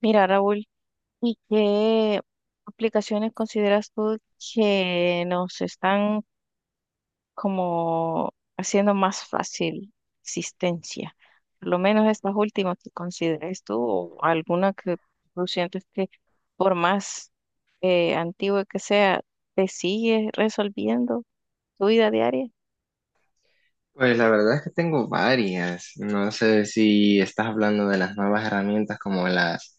Mira, Raúl, ¿y qué aplicaciones consideras tú que nos están como haciendo más fácil existencia? Por lo menos estas últimas que consideres tú o alguna que tú sientes que por más antigua que sea, te sigue resolviendo tu vida diaria. Pues la verdad es que tengo varias. No sé si estás hablando de las nuevas herramientas como las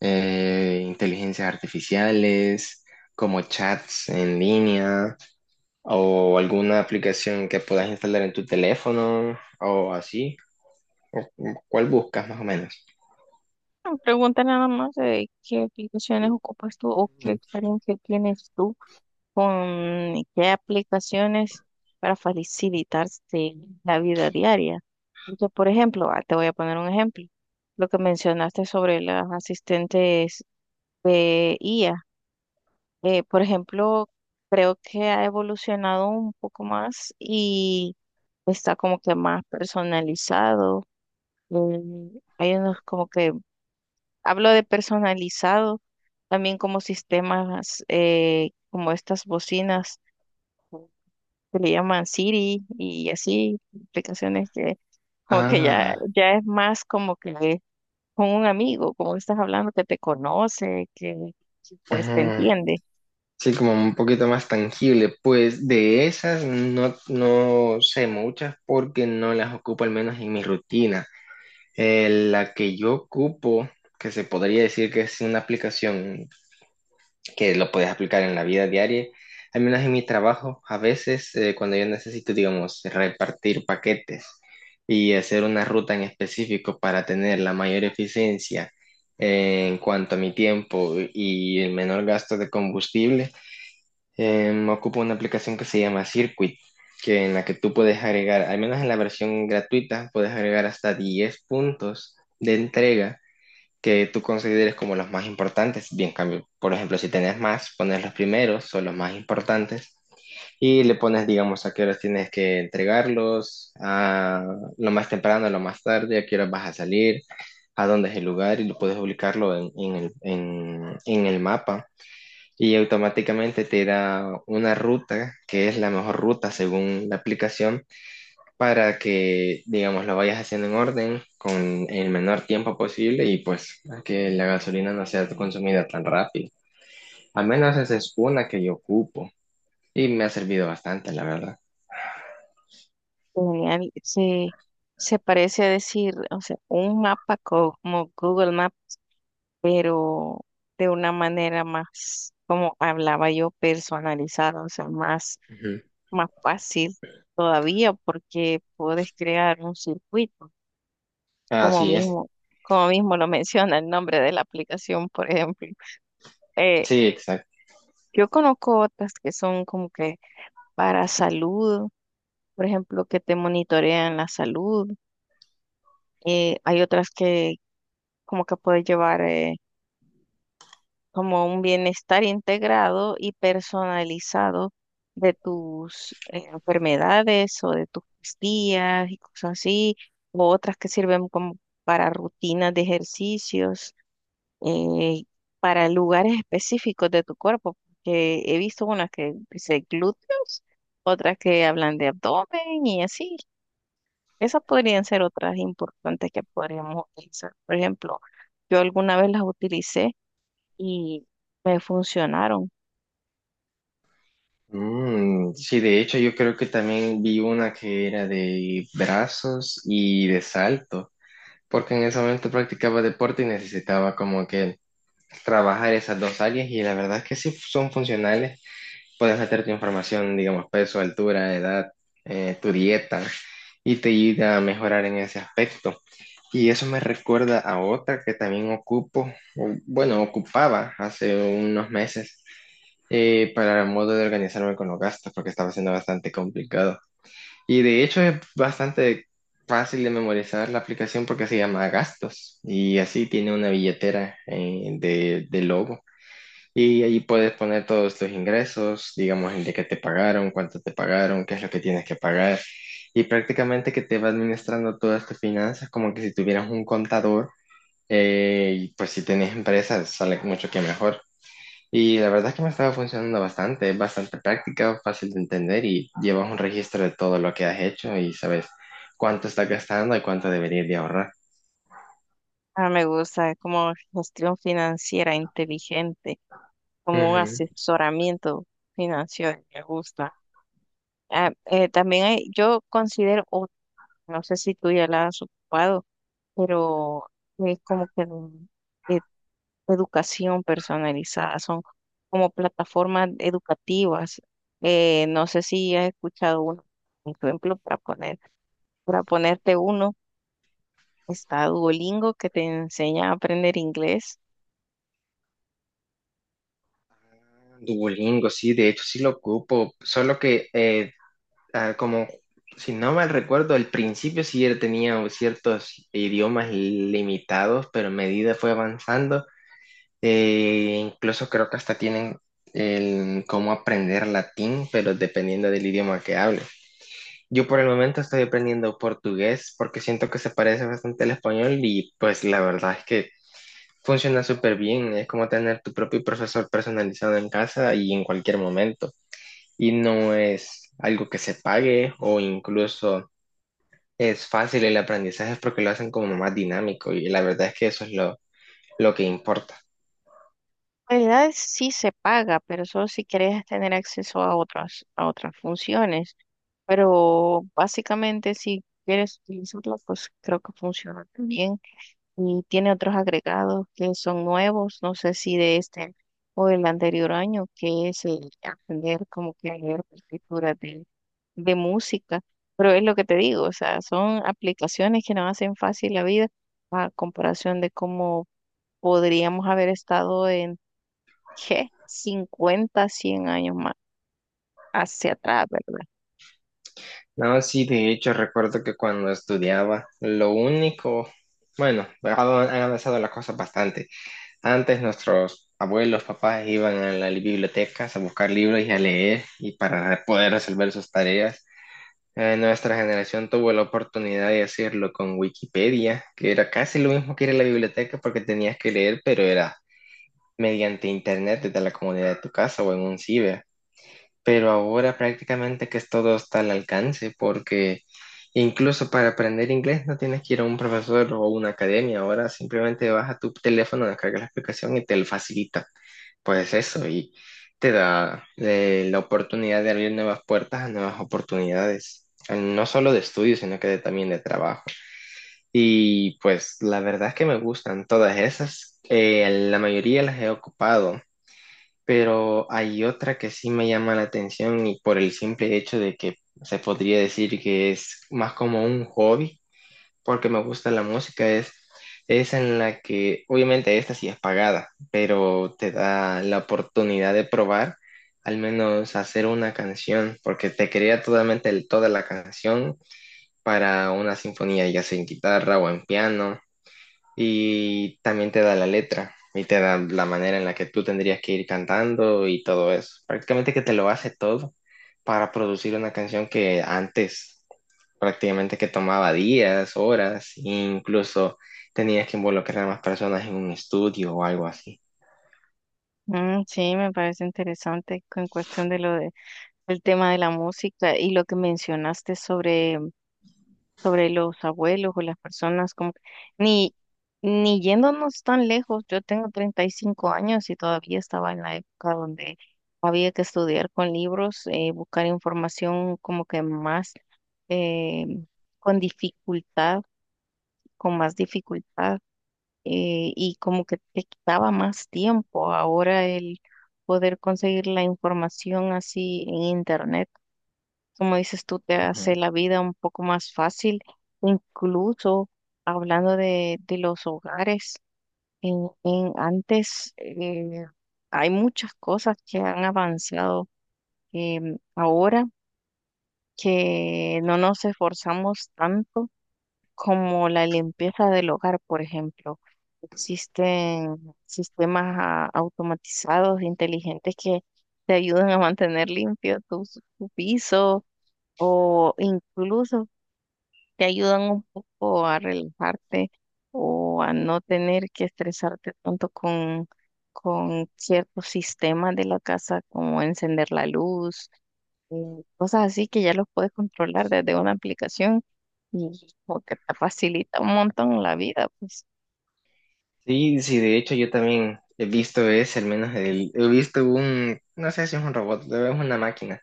inteligencias artificiales, como chats en línea, o alguna aplicación que puedas instalar en tu teléfono, o así. ¿Cuál buscas más o menos? No, pregunta nada más de qué aplicaciones ocupas tú o qué experiencia tienes tú con qué aplicaciones para facilitarse la vida diaria. Porque, por ejemplo, te voy a poner un ejemplo, lo que mencionaste sobre las asistentes de IA. Por ejemplo, creo que ha evolucionado un poco más y está como que más personalizado. Mm, hay unos como que, hablo de personalizado, también como sistemas, como estas bocinas que le llaman Siri y así, aplicaciones que como que ya, Ah, ya es más como que con un amigo, como que estás hablando, que te conoce, que, pues te ajá. entiende. Sí, como un poquito más tangible. Pues de esas no sé muchas porque no las ocupo al menos en mi rutina. La que yo ocupo, que se podría decir que es una aplicación que lo puedes aplicar en la vida diaria, al menos en mi trabajo, a veces cuando yo necesito, digamos, repartir paquetes y hacer una ruta en específico para tener la mayor eficiencia en cuanto a mi tiempo y el menor gasto de combustible. Ocupo una aplicación que se llama Circuit, que en la que tú puedes agregar, al menos en la versión gratuita, puedes agregar hasta 10 puntos de entrega que tú consideres como los más importantes. Bien, cambio, por ejemplo, si tenés más, pones los primeros o los más importantes y le pones, digamos, a qué horas tienes que entregarlos, a lo más temprano, a lo más tarde, a qué horas vas a salir, a dónde es el lugar y lo puedes ubicarlo en el mapa, y automáticamente te da una ruta que es la mejor ruta según la aplicación para que, digamos, lo vayas haciendo en orden con el menor tiempo posible y pues que la gasolina no sea consumida tan rápido. Al menos esa es una que yo ocupo y me ha servido bastante, la verdad. Genial. Se parece a decir, o sea, un mapa como Google Map, pero de una manera más, como hablaba yo, personalizada, o sea, más, Ujú. más fácil todavía porque puedes crear un circuito como Así es, mismo, como mismo lo menciona el nombre de la aplicación, por ejemplo. Eh, sí, exacto. yo conozco otras que son como que para salud, por ejemplo, que te monitorean la salud. Hay otras que como que puedes llevar como un bienestar integrado y personalizado de tus enfermedades o de tus días y cosas así, o otras que sirven como para rutinas de ejercicios. eh, para lugares específicos de tu cuerpo, porque he visto unas que dice glúteos, otras que hablan de abdomen y así. Esas podrían ser otras importantes que podríamos utilizar. Por ejemplo, yo alguna vez las utilicé y me funcionaron. Mm, sí, de hecho yo creo que también vi una que era de brazos y de salto, porque en ese momento practicaba deporte y necesitaba como que trabajar esas dos áreas, y la verdad es que sí son funcionales. Puedes meter tu información, digamos, peso, altura, edad, tu dieta, y te ayuda a mejorar en ese aspecto. Y eso me recuerda a otra que también ocupo, o, bueno, ocupaba hace unos meses, para el modo de organizarme con los gastos porque estaba siendo bastante complicado. Y de hecho es bastante fácil de memorizar la aplicación porque se llama Gastos, y así tiene una billetera de logo, y allí puedes poner todos tus ingresos, digamos, el de que te pagaron, cuánto te pagaron, qué es lo que tienes que pagar. Y prácticamente que te va administrando todas tus finanzas como que si tuvieras un contador. Y pues si tenés empresas, sale mucho que mejor. Y la verdad es que me estaba funcionando bastante, es bastante práctica, fácil de entender, y llevas un registro de todo lo que has hecho y sabes cuánto estás gastando y cuánto deberías de ahorrar. Ah, me gusta, es como gestión financiera inteligente, como un Ujú. asesoramiento financiero, me gusta. También yo considero, otra, no sé si tú ya la has ocupado, pero es como que eh, educación personalizada, son como plataformas educativas. No sé si has escuchado uno, por ejemplo, para ponerte uno, está Duolingo que te enseña a aprender inglés. Duolingo, sí, de hecho sí lo ocupo, solo que ah, como, si no mal recuerdo, al principio sí él tenía ciertos idiomas limitados, pero a medida fue avanzando. Incluso creo que hasta tienen el cómo aprender latín, pero dependiendo del idioma que hable. Yo por el momento estoy aprendiendo portugués porque siento que se parece bastante al español, y pues la verdad es que funciona súper bien. Es como tener tu propio profesor personalizado en casa y en cualquier momento. Y no es algo que se pague, o incluso es fácil el aprendizaje porque lo hacen como más dinámico, y la verdad es que eso es lo que importa. En realidad sí se paga, pero solo si quieres tener acceso a a otras funciones. Pero básicamente si quieres utilizarla, pues creo que funciona también y tiene otros agregados que son nuevos, no sé si de este o del anterior año, que es el aprender como que a leer partituras de música, pero es lo que te digo, o sea, son aplicaciones que nos hacen fácil la vida a comparación de cómo podríamos haber estado ¿qué? Cincuenta 100 años más hacia atrás, ¿verdad? No, sí, de hecho recuerdo que cuando estudiaba, lo único, bueno, han avanzado las cosas bastante. Antes nuestros abuelos, papás iban a las bibliotecas a buscar libros y a leer y para poder resolver sus tareas. Nuestra generación tuvo la oportunidad de hacerlo con Wikipedia, que era casi lo mismo que ir a la biblioteca porque tenías que leer, pero era mediante internet desde la comodidad de tu casa o en un ciber. Pero ahora prácticamente que es todo está al alcance, porque incluso para aprender inglés no tienes que ir a un profesor o una academia. Ahora simplemente vas a tu teléfono, descargas la aplicación y te lo facilita. Pues eso, y te da la oportunidad de abrir nuevas puertas a nuevas oportunidades, no solo de estudio, sino que también de trabajo. Y pues la verdad es que me gustan todas esas. La mayoría las he ocupado, pero hay otra que sí me llama la atención, y por el simple hecho de que se podría decir que es más como un hobby, porque me gusta la música, es en la que obviamente esta sí es pagada, pero te da la oportunidad de probar al menos hacer una canción, porque te crea totalmente toda la canción para una sinfonía, ya sea en guitarra o en piano, y también te da la letra y te da la manera en la que tú tendrías que ir cantando y todo eso. Prácticamente que te lo hace todo para producir una canción que antes prácticamente que tomaba días, horas, e incluso tenías que involucrar a más personas en un estudio o algo así. Mm, sí, me parece interesante con cuestión de lo de, el tema de la música y lo que mencionaste sobre los abuelos o las personas, como que- ni, ni yéndonos tan lejos, yo tengo 35 años y todavía estaba en la época donde había que estudiar con libros, buscar información como que más eh, con dificultad, con más dificultad y como que te quitaba más tiempo. Ahora el poder conseguir la información así en internet como dices tú, te hace Ujú. la vida un poco más fácil, incluso hablando de los hogares. En antes hay muchas cosas que han avanzado ahora que no nos esforzamos tanto como la limpieza del hogar, por ejemplo. Existen sistemas automatizados, inteligentes que te ayudan a mantener limpio tu piso o incluso te ayudan un poco a relajarte o a no tener que estresarte tanto con ciertos sistemas de la casa, como encender la luz, eh, cosas así que ya los puedes controlar desde una aplicación y como que te facilita un montón la vida, pues. Sí, sí, de hecho yo también he visto ese, al menos el, he visto un, no sé si es un robot, es una máquina.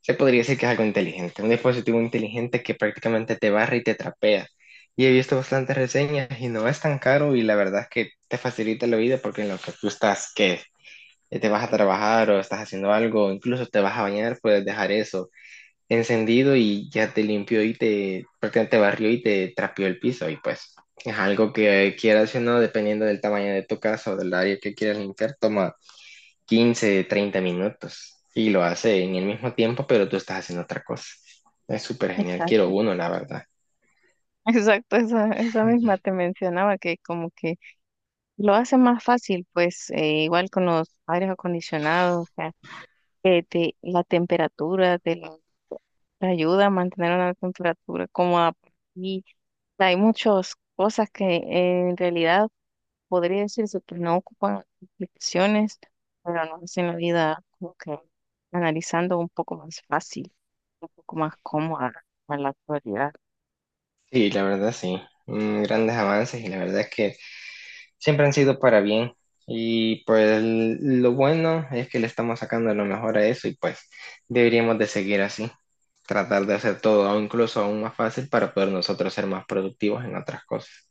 Se podría decir que es algo inteligente, un dispositivo inteligente que prácticamente te barra y te trapea. Y he visto bastantes reseñas y no es tan caro, y la verdad es que te facilita la vida porque en lo que tú estás, que te vas a trabajar o estás haciendo algo, incluso te vas a bañar, puedes dejar eso encendido y ya te limpió y te prácticamente te barrió y te trapeó el piso, y pues es algo que quieras o no, dependiendo del tamaño de tu casa o del área que quieras limpiar, toma 15, 30 minutos y lo hace en el mismo tiempo, pero tú estás haciendo otra cosa. Es súper genial, quiero Exacto. uno, la verdad. Exacto, esa misma te mencionaba que como que lo hace más fácil, pues igual con los aires acondicionados, de la temperatura, te ayuda a mantener una temperatura cómoda. Y hay muchas cosas que en realidad podría decirse que no ocupan aplicaciones, pero nos hacen la vida como que analizando un poco más fácil, un poco más cómoda en la actualidad. Sí, la verdad sí. Mm, grandes avances, y la verdad es que siempre han sido para bien. Y pues lo bueno es que le estamos sacando lo mejor a eso, y pues deberíamos de seguir así, tratar de hacer todo incluso aún más fácil para poder nosotros ser más productivos en otras cosas.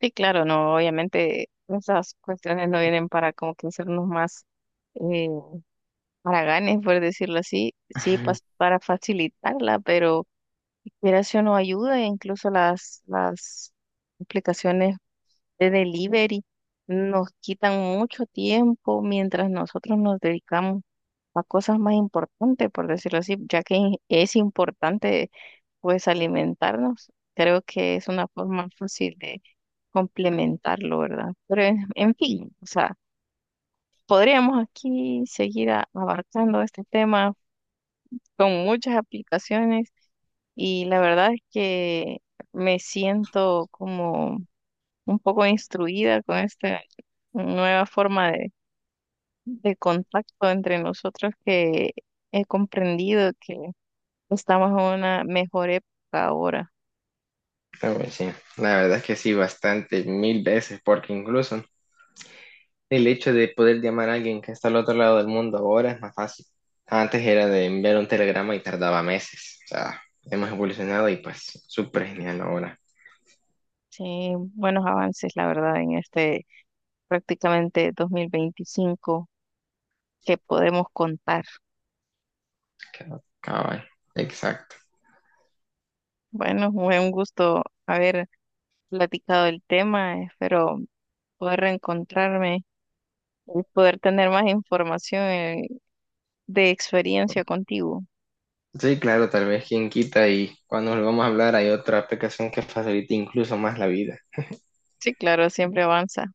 Sí, claro, no, obviamente esas cuestiones no vienen para como que hacernos más eh, haraganes, por decirlo así, sí, Ujú. Para facilitarla, pero mira si uno ayuda, e incluso las aplicaciones de delivery nos quitan mucho tiempo mientras nosotros nos dedicamos a cosas más importantes, por decirlo así, ya que es importante pues alimentarnos. Creo que es una forma fácil de complementarlo, ¿verdad? Pero en fin, o sea, podríamos aquí seguir abarcando este tema con muchas aplicaciones y la verdad es que me siento como un poco instruida con esta nueva forma de contacto entre nosotros que he comprendido que estamos en una mejor época ahora. Pero, pues, sí, la verdad es que sí, bastante, mil veces, porque incluso el hecho de poder llamar a alguien que está al otro lado del mundo ahora es más fácil. Antes era de enviar un telegrama y tardaba meses. O sea, hemos evolucionado y pues súper genial ahora. Sí, buenos avances, la verdad, en este prácticamente 2025 que podemos contar. Cabal. Exacto. Bueno, fue un gusto haber platicado el tema, espero poder reencontrarme y poder tener más información de experiencia contigo. Sí, claro, tal vez quien quita y cuando volvamos a hablar hay otra aplicación que facilite incluso más la vida. Sí, claro, siempre avanza.